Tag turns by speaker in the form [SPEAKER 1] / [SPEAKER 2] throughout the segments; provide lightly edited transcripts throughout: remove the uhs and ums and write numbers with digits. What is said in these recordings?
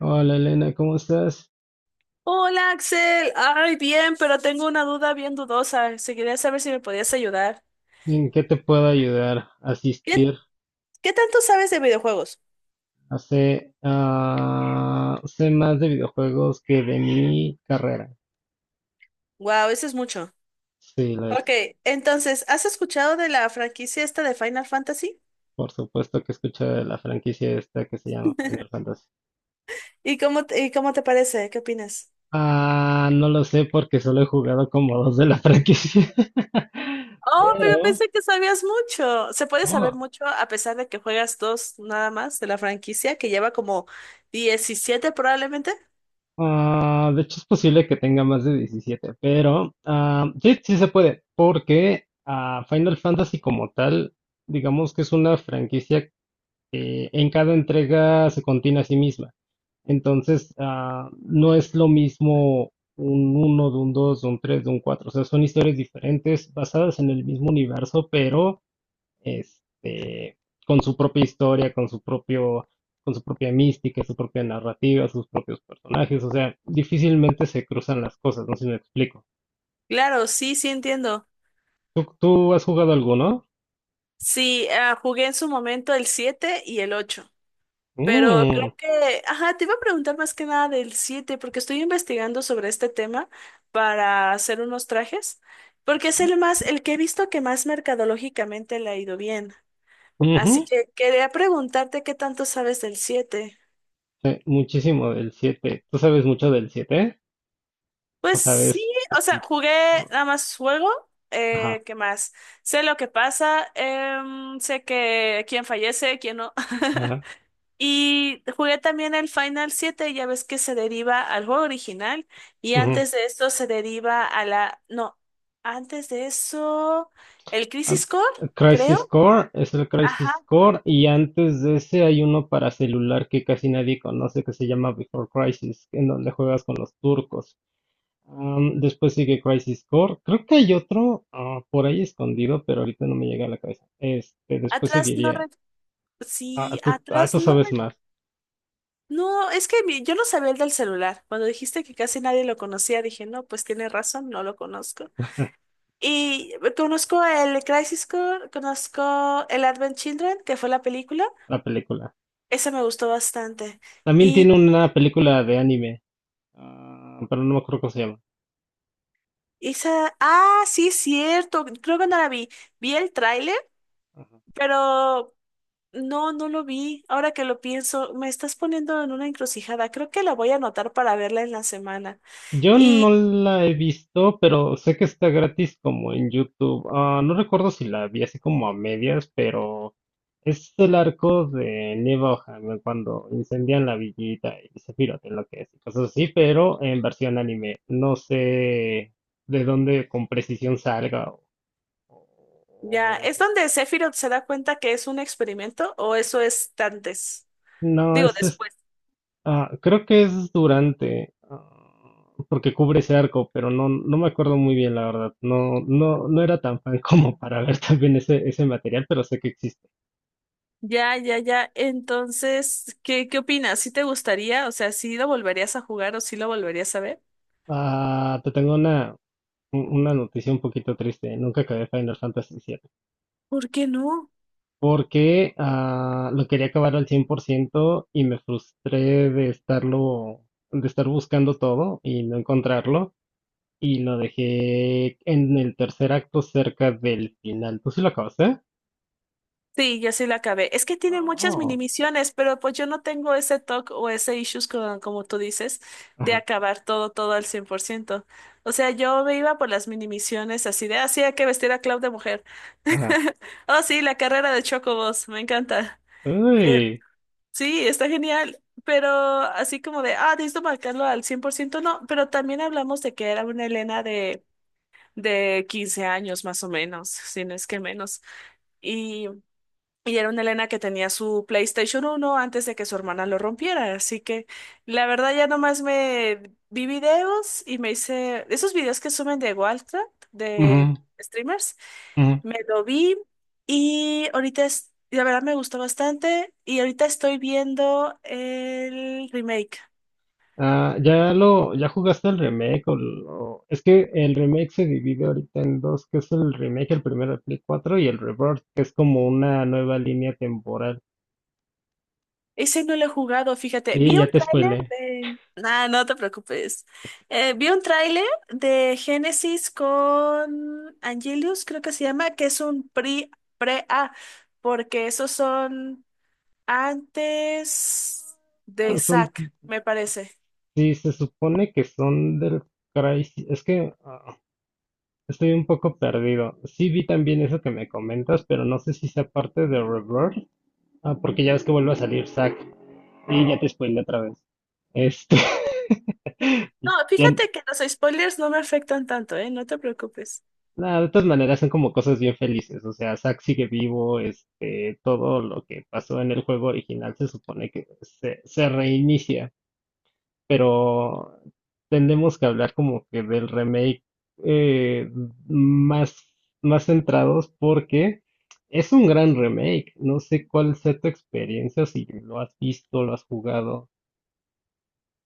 [SPEAKER 1] Hola Elena, ¿cómo estás?
[SPEAKER 2] Hola Axel, ay bien, pero tengo una duda bien dudosa. Se quería saber si me podías ayudar.
[SPEAKER 1] ¿En qué te puedo ayudar?
[SPEAKER 2] ¿Qué,
[SPEAKER 1] Asistir.
[SPEAKER 2] qué tanto sabes de videojuegos?
[SPEAKER 1] Sé más de videojuegos que de mi carrera.
[SPEAKER 2] Wow, eso es mucho.
[SPEAKER 1] Sí, lo es.
[SPEAKER 2] Ok, entonces, ¿has escuchado de la franquicia esta de Final Fantasy?
[SPEAKER 1] Por supuesto que he escuchado de la franquicia esta que se llama Final Fantasy.
[SPEAKER 2] ¿Y cómo te parece? ¿Qué opinas?
[SPEAKER 1] No lo sé porque solo he jugado como dos de la franquicia.
[SPEAKER 2] Oh, pero
[SPEAKER 1] Pero,
[SPEAKER 2] pensé que sabías mucho. Se puede saber
[SPEAKER 1] oh.
[SPEAKER 2] mucho a pesar de que juegas dos nada más de la franquicia que lleva como 17 probablemente.
[SPEAKER 1] De hecho, es posible que tenga más de 17, pero sí, sí se puede, porque Final Fantasy como tal, digamos que es una franquicia que en cada entrega se contiene a sí misma. Entonces, no es lo mismo un uno, de un 2, de un 3, de un cuatro. O sea, son historias diferentes basadas en el mismo universo, pero este, con su propia historia, con su propia mística, su propia narrativa, sus propios personajes, o sea, difícilmente se cruzan las cosas, no sé si me explico.
[SPEAKER 2] Claro, sí, sí entiendo.
[SPEAKER 1] ¿Tú has jugado alguno?
[SPEAKER 2] Sí, jugué en su momento el 7 y el 8. Pero creo
[SPEAKER 1] Mm.
[SPEAKER 2] que, ajá, te iba a preguntar más que nada del 7 porque estoy investigando sobre este tema para hacer unos trajes, porque es el más, el que he visto que más mercadológicamente le ha ido bien. Así
[SPEAKER 1] Ujú.
[SPEAKER 2] que quería preguntarte qué tanto sabes del siete.
[SPEAKER 1] Sí, muchísimo del siete. ¿Tú sabes mucho del siete? ¿O
[SPEAKER 2] Pues
[SPEAKER 1] sabes
[SPEAKER 2] sí, o sea,
[SPEAKER 1] poquito?
[SPEAKER 2] jugué nada más juego,
[SPEAKER 1] Ajá,
[SPEAKER 2] ¿qué más? Sé lo que pasa, sé que quién fallece, quién no.
[SPEAKER 1] ajá.
[SPEAKER 2] Y jugué también el Final siete, ya ves que se deriva al juego original y
[SPEAKER 1] Ujú.
[SPEAKER 2] antes de esto se deriva a la... No, antes de eso, el Crisis
[SPEAKER 1] An-
[SPEAKER 2] Core,
[SPEAKER 1] Crisis
[SPEAKER 2] creo.
[SPEAKER 1] Core es el
[SPEAKER 2] Ajá,
[SPEAKER 1] Crisis Core y antes de ese hay uno para celular que casi nadie conoce que se llama Before Crisis, en donde juegas con los turcos. Después sigue Crisis Core. Creo que hay otro por ahí escondido, pero ahorita no me llega a la cabeza. Después
[SPEAKER 2] atrás no...
[SPEAKER 1] seguiría.
[SPEAKER 2] re-
[SPEAKER 1] Ah,
[SPEAKER 2] Sí,
[SPEAKER 1] tú, ah,
[SPEAKER 2] atrás
[SPEAKER 1] tú
[SPEAKER 2] no...
[SPEAKER 1] sabes
[SPEAKER 2] re-
[SPEAKER 1] más.
[SPEAKER 2] No, es que yo no sabía el del celular. Cuando dijiste que casi nadie lo conocía, dije, no, pues tiene razón, no lo conozco. Y conozco el Crisis Core, conozco el Advent Children, que fue la película.
[SPEAKER 1] La película.
[SPEAKER 2] Esa me gustó bastante.
[SPEAKER 1] También tiene
[SPEAKER 2] Y
[SPEAKER 1] una película de anime, pero no me acuerdo cómo se llama.
[SPEAKER 2] esa, sí, es cierto. Creo que no la vi. Vi el tráiler, pero no lo vi. Ahora que lo pienso, me estás poniendo en una encrucijada. Creo que la voy a anotar para verla en la semana.
[SPEAKER 1] Yo no
[SPEAKER 2] Y
[SPEAKER 1] la he visto, pero sé que está gratis como en YouTube. No recuerdo si la vi así como a medias, pero es el arco de Neva O'Hara cuando incendian la villita y se pirote lo que es y cosas así, pero en versión anime. No sé de dónde con precisión salga.
[SPEAKER 2] ya, ¿es
[SPEAKER 1] O-
[SPEAKER 2] donde Sephiroth se da cuenta que es un experimento o eso es antes?
[SPEAKER 1] No,
[SPEAKER 2] Digo,
[SPEAKER 1] es.
[SPEAKER 2] después.
[SPEAKER 1] Creo que es durante, porque cubre ese arco, pero no, no me acuerdo muy bien, la verdad. No, no, no era tan fan como para ver también ese material, pero sé que existe.
[SPEAKER 2] Ya, ya, ya. Entonces, ¿qué opinas? ¿Sí te gustaría? O sea, ¿sí lo volverías a jugar o sí lo volverías a ver?
[SPEAKER 1] Te tengo una noticia un poquito triste. Nunca acabé Final Fantasy VII,
[SPEAKER 2] ¿Por qué no?
[SPEAKER 1] porque lo quería acabar al 100% y me frustré de estarlo, de estar buscando todo y no encontrarlo. Y lo dejé en el tercer acto cerca del final. ¿Tú sí lo acabaste?
[SPEAKER 2] Sí, yo sí la acabé. Es que tiene muchas mini
[SPEAKER 1] Oh,
[SPEAKER 2] misiones, pero pues yo no tengo ese toque o ese issues como tú dices, de
[SPEAKER 1] ajá,
[SPEAKER 2] acabar todo al 100%. O sea, yo me iba por las mini misiones así de, así hay que vestir a Cloud de mujer.
[SPEAKER 1] ajá.
[SPEAKER 2] Oh, sí, la carrera de Chocobos, me encanta. Eh,
[SPEAKER 1] Uy.
[SPEAKER 2] sí, está genial, pero así como de, necesito marcarlo al 100% no, pero también hablamos de que era una Elena de, 15 años más o menos, si no es que menos. Y era una Elena que tenía su PlayStation 1 antes de que su hermana lo rompiera. Así que la verdad ya nomás me vi videos y me hice esos videos que suben de Wildcraft, de
[SPEAKER 1] Ujú,
[SPEAKER 2] streamers.
[SPEAKER 1] ujú.
[SPEAKER 2] Me lo vi y ahorita es, la verdad me gustó bastante. Y ahorita estoy viendo el remake.
[SPEAKER 1] Ya jugaste el remake, es que el remake se divide ahorita en dos, que es el remake, el primero de Play 4 y el Rebirth, que es como una nueva línea temporal.
[SPEAKER 2] Ese no lo he jugado, fíjate.
[SPEAKER 1] Y
[SPEAKER 2] Vi un
[SPEAKER 1] ya te
[SPEAKER 2] tráiler
[SPEAKER 1] spoilé.
[SPEAKER 2] de... Nah, no te preocupes. Vi un tráiler de Genesis con Angelus, creo que se llama, que es un pre-A, porque esos son antes de
[SPEAKER 1] Ah, Son,
[SPEAKER 2] Zack, me parece.
[SPEAKER 1] sí, se supone que son del Crysis, es que estoy un poco perdido. Sí vi también eso que me comentas, pero no sé si sea parte de Rebirth. Porque ya ves que vuelve a salir Zack. Y ya te spoilé otra vez. Este.
[SPEAKER 2] No,
[SPEAKER 1] Ya-
[SPEAKER 2] fíjate que los spoilers no me afectan tanto, ¿eh? No te preocupes.
[SPEAKER 1] nah, de todas maneras son como cosas bien felices. O sea, Zack sigue vivo. Todo lo que pasó en el juego original se supone que se reinicia. Pero tenemos que hablar como que del remake, eh, más, más centrados porque es un gran remake. No sé cuál sea tu experiencia, si lo has visto, lo has jugado.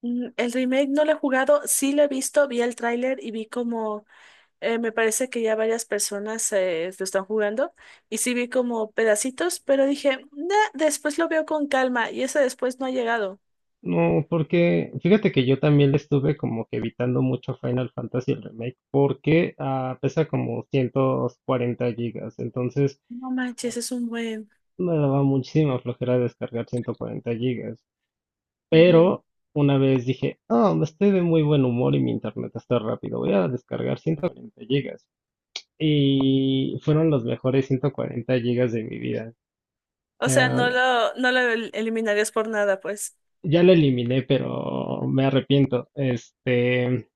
[SPEAKER 2] El remake no lo he jugado, sí lo he visto, vi el tráiler y vi como me parece que ya varias personas lo están jugando y sí vi como pedacitos, pero dije, "Nah, después lo veo con calma", y ese después no ha llegado.
[SPEAKER 1] No, porque fíjate que yo también le estuve como que evitando mucho Final Fantasy el remake, porque pesa como 140 gigas, entonces
[SPEAKER 2] No
[SPEAKER 1] ah,
[SPEAKER 2] manches, es un buen.
[SPEAKER 1] me daba muchísima flojera descargar 140 gigas.
[SPEAKER 2] Ujú.
[SPEAKER 1] Pero una vez dije, estoy de muy buen humor y mi internet está rápido, voy a descargar 140 gigas. Y fueron los mejores 140 gigas de mi vida.
[SPEAKER 2] O sea,
[SPEAKER 1] Eh,
[SPEAKER 2] no lo eliminarías por nada, pues.
[SPEAKER 1] ya lo eliminé, pero me arrepiento.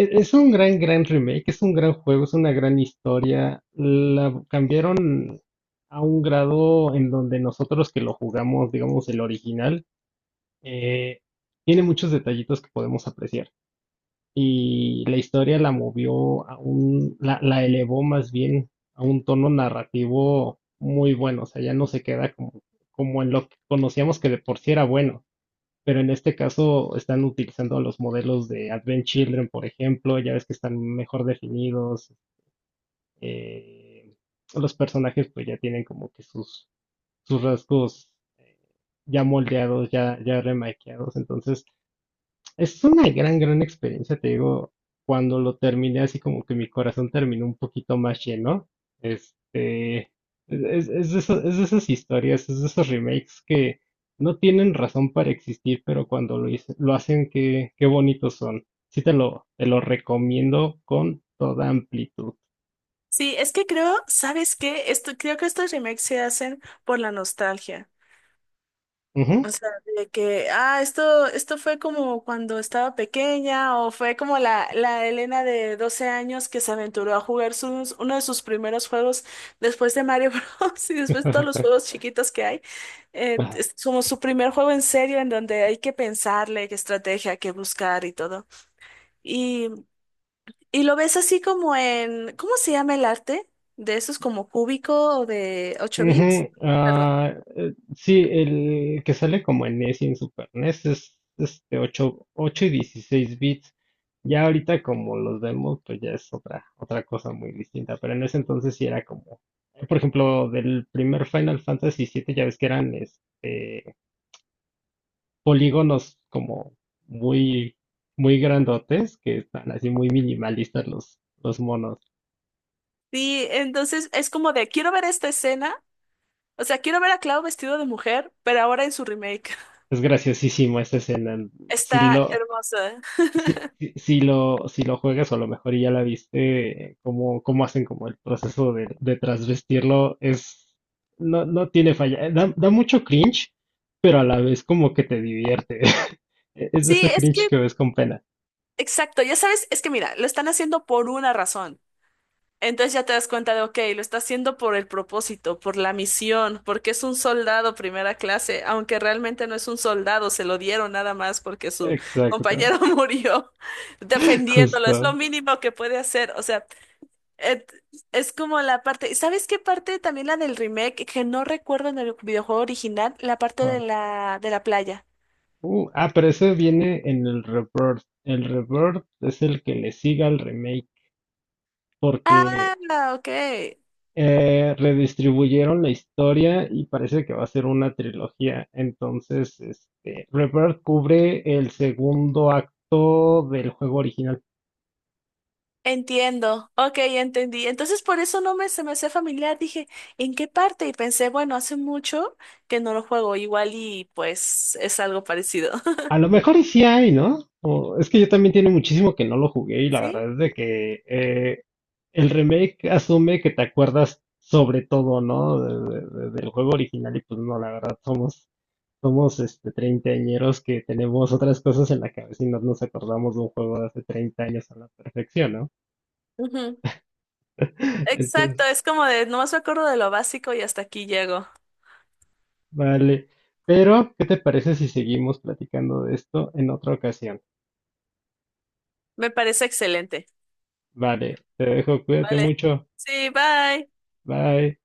[SPEAKER 1] Es un gran, gran remake, es un gran juego, es una gran historia. La cambiaron a un grado en donde nosotros que lo jugamos, digamos, el original, eh, tiene muchos detallitos que podemos apreciar. Y la historia la movió la elevó más bien a un tono narrativo muy bueno. O sea, ya no se queda como en lo que conocíamos, que de por sí era bueno. Pero en este caso están utilizando los modelos de Advent Children, por ejemplo, ya ves que están mejor definidos. eh, los personajes pues ya tienen como que sus rasgos, eh, ya moldeados, ya remaqueados. Entonces, es una gran, gran experiencia, te digo, cuando lo terminé así como que mi corazón terminó un poquito más lleno. Este, es de esas historias, es de esos remakes que no tienen razón para existir, pero cuando lo hacen, qué, qué bonitos son. Sí te lo recomiendo con toda amplitud.
[SPEAKER 2] Sí, es que creo, ¿sabes qué? Creo que estos remakes se hacen por la nostalgia. O
[SPEAKER 1] Ujú.
[SPEAKER 2] sea, de que, esto fue como cuando estaba pequeña, o fue como la Elena de 12 años que se aventuró a jugar sus, uno de sus primeros juegos después de Mario Bros. Y después de todos los juegos chiquitos que hay. Es como su primer juego en serio en donde hay que pensarle qué estrategia, qué buscar y todo. Y, y, lo ves así como en, ¿cómo se llama el arte? De esos como cúbico o de 8 bits.
[SPEAKER 1] Ujú.
[SPEAKER 2] Perdón.
[SPEAKER 1] Sí, el que sale como en NES y en Super NES es este ocho y 16 bits. Ya ahorita como los vemos, pues ya es otra cosa muy distinta. Pero en ese entonces sí era como, por ejemplo, del primer Final Fantasy siete ya ves que eran polígonos como muy, muy grandotes, que están así muy minimalistas los monos.
[SPEAKER 2] Sí, entonces es como de, quiero ver esta escena. O sea, quiero ver a Cloud vestido de mujer, pero ahora en su remake.
[SPEAKER 1] Es graciosísimo esa escena. Si
[SPEAKER 2] Está
[SPEAKER 1] lo,
[SPEAKER 2] hermosa.
[SPEAKER 1] si lo juegas o a lo mejor ya la viste, cómo hacen como el proceso de transvestirlo, no, no tiene falla. Da mucho cringe, pero a la vez como que te divierte. Es de
[SPEAKER 2] Sí,
[SPEAKER 1] ese
[SPEAKER 2] es
[SPEAKER 1] cringe
[SPEAKER 2] que,
[SPEAKER 1] que ves con pena.
[SPEAKER 2] exacto, ya sabes, es que mira, lo están haciendo por una razón. Entonces ya te das cuenta de, ok, lo está haciendo por el propósito, por la misión, porque es un soldado primera clase, aunque realmente no es un soldado, se lo dieron nada más porque su
[SPEAKER 1] Exacto,
[SPEAKER 2] compañero murió defendiéndolo, es lo
[SPEAKER 1] justo.
[SPEAKER 2] mínimo que puede hacer. O sea, Et- Es como la parte, ¿sabes qué parte? También la del remake, que no recuerdo en el videojuego original, la parte de
[SPEAKER 1] ¿Cuál?
[SPEAKER 2] la, de la playa.
[SPEAKER 1] Pero ese viene en el Rebirth. El Rebirth es el que le sigue al remake,
[SPEAKER 2] Ah,
[SPEAKER 1] porque
[SPEAKER 2] ok.
[SPEAKER 1] Redistribuyeron la historia y parece que va a ser una trilogía. Entonces, Rebirth cubre el segundo acto del juego original.
[SPEAKER 2] Entiendo. Ok, ya entendí. Entonces por eso no me se me hacía familiar. Dije, ¿en qué parte? Y pensé, bueno, hace mucho que no lo juego igual y pues es algo parecido.
[SPEAKER 1] A lo mejor y sí hay, ¿no? Es que yo también tiene muchísimo que no lo jugué y la
[SPEAKER 2] ¿Sí?
[SPEAKER 1] verdad es de que el remake asume que te acuerdas sobre todo, ¿no? Del juego original y pues no, la verdad somos, somos treintañeros que tenemos otras cosas en la cabeza y no nos acordamos de un juego de hace 30 años a la perfección, ¿no?
[SPEAKER 2] Ujú.
[SPEAKER 1] Entonces,
[SPEAKER 2] Exacto, es como de, nomás me acuerdo de lo básico y hasta aquí llego.
[SPEAKER 1] vale. Pero, ¿qué te parece si seguimos platicando de esto en otra ocasión?
[SPEAKER 2] Me parece excelente.
[SPEAKER 1] Vale, te dejo, cuídate
[SPEAKER 2] Vale.
[SPEAKER 1] mucho.
[SPEAKER 2] Sí, bye.
[SPEAKER 1] Bye.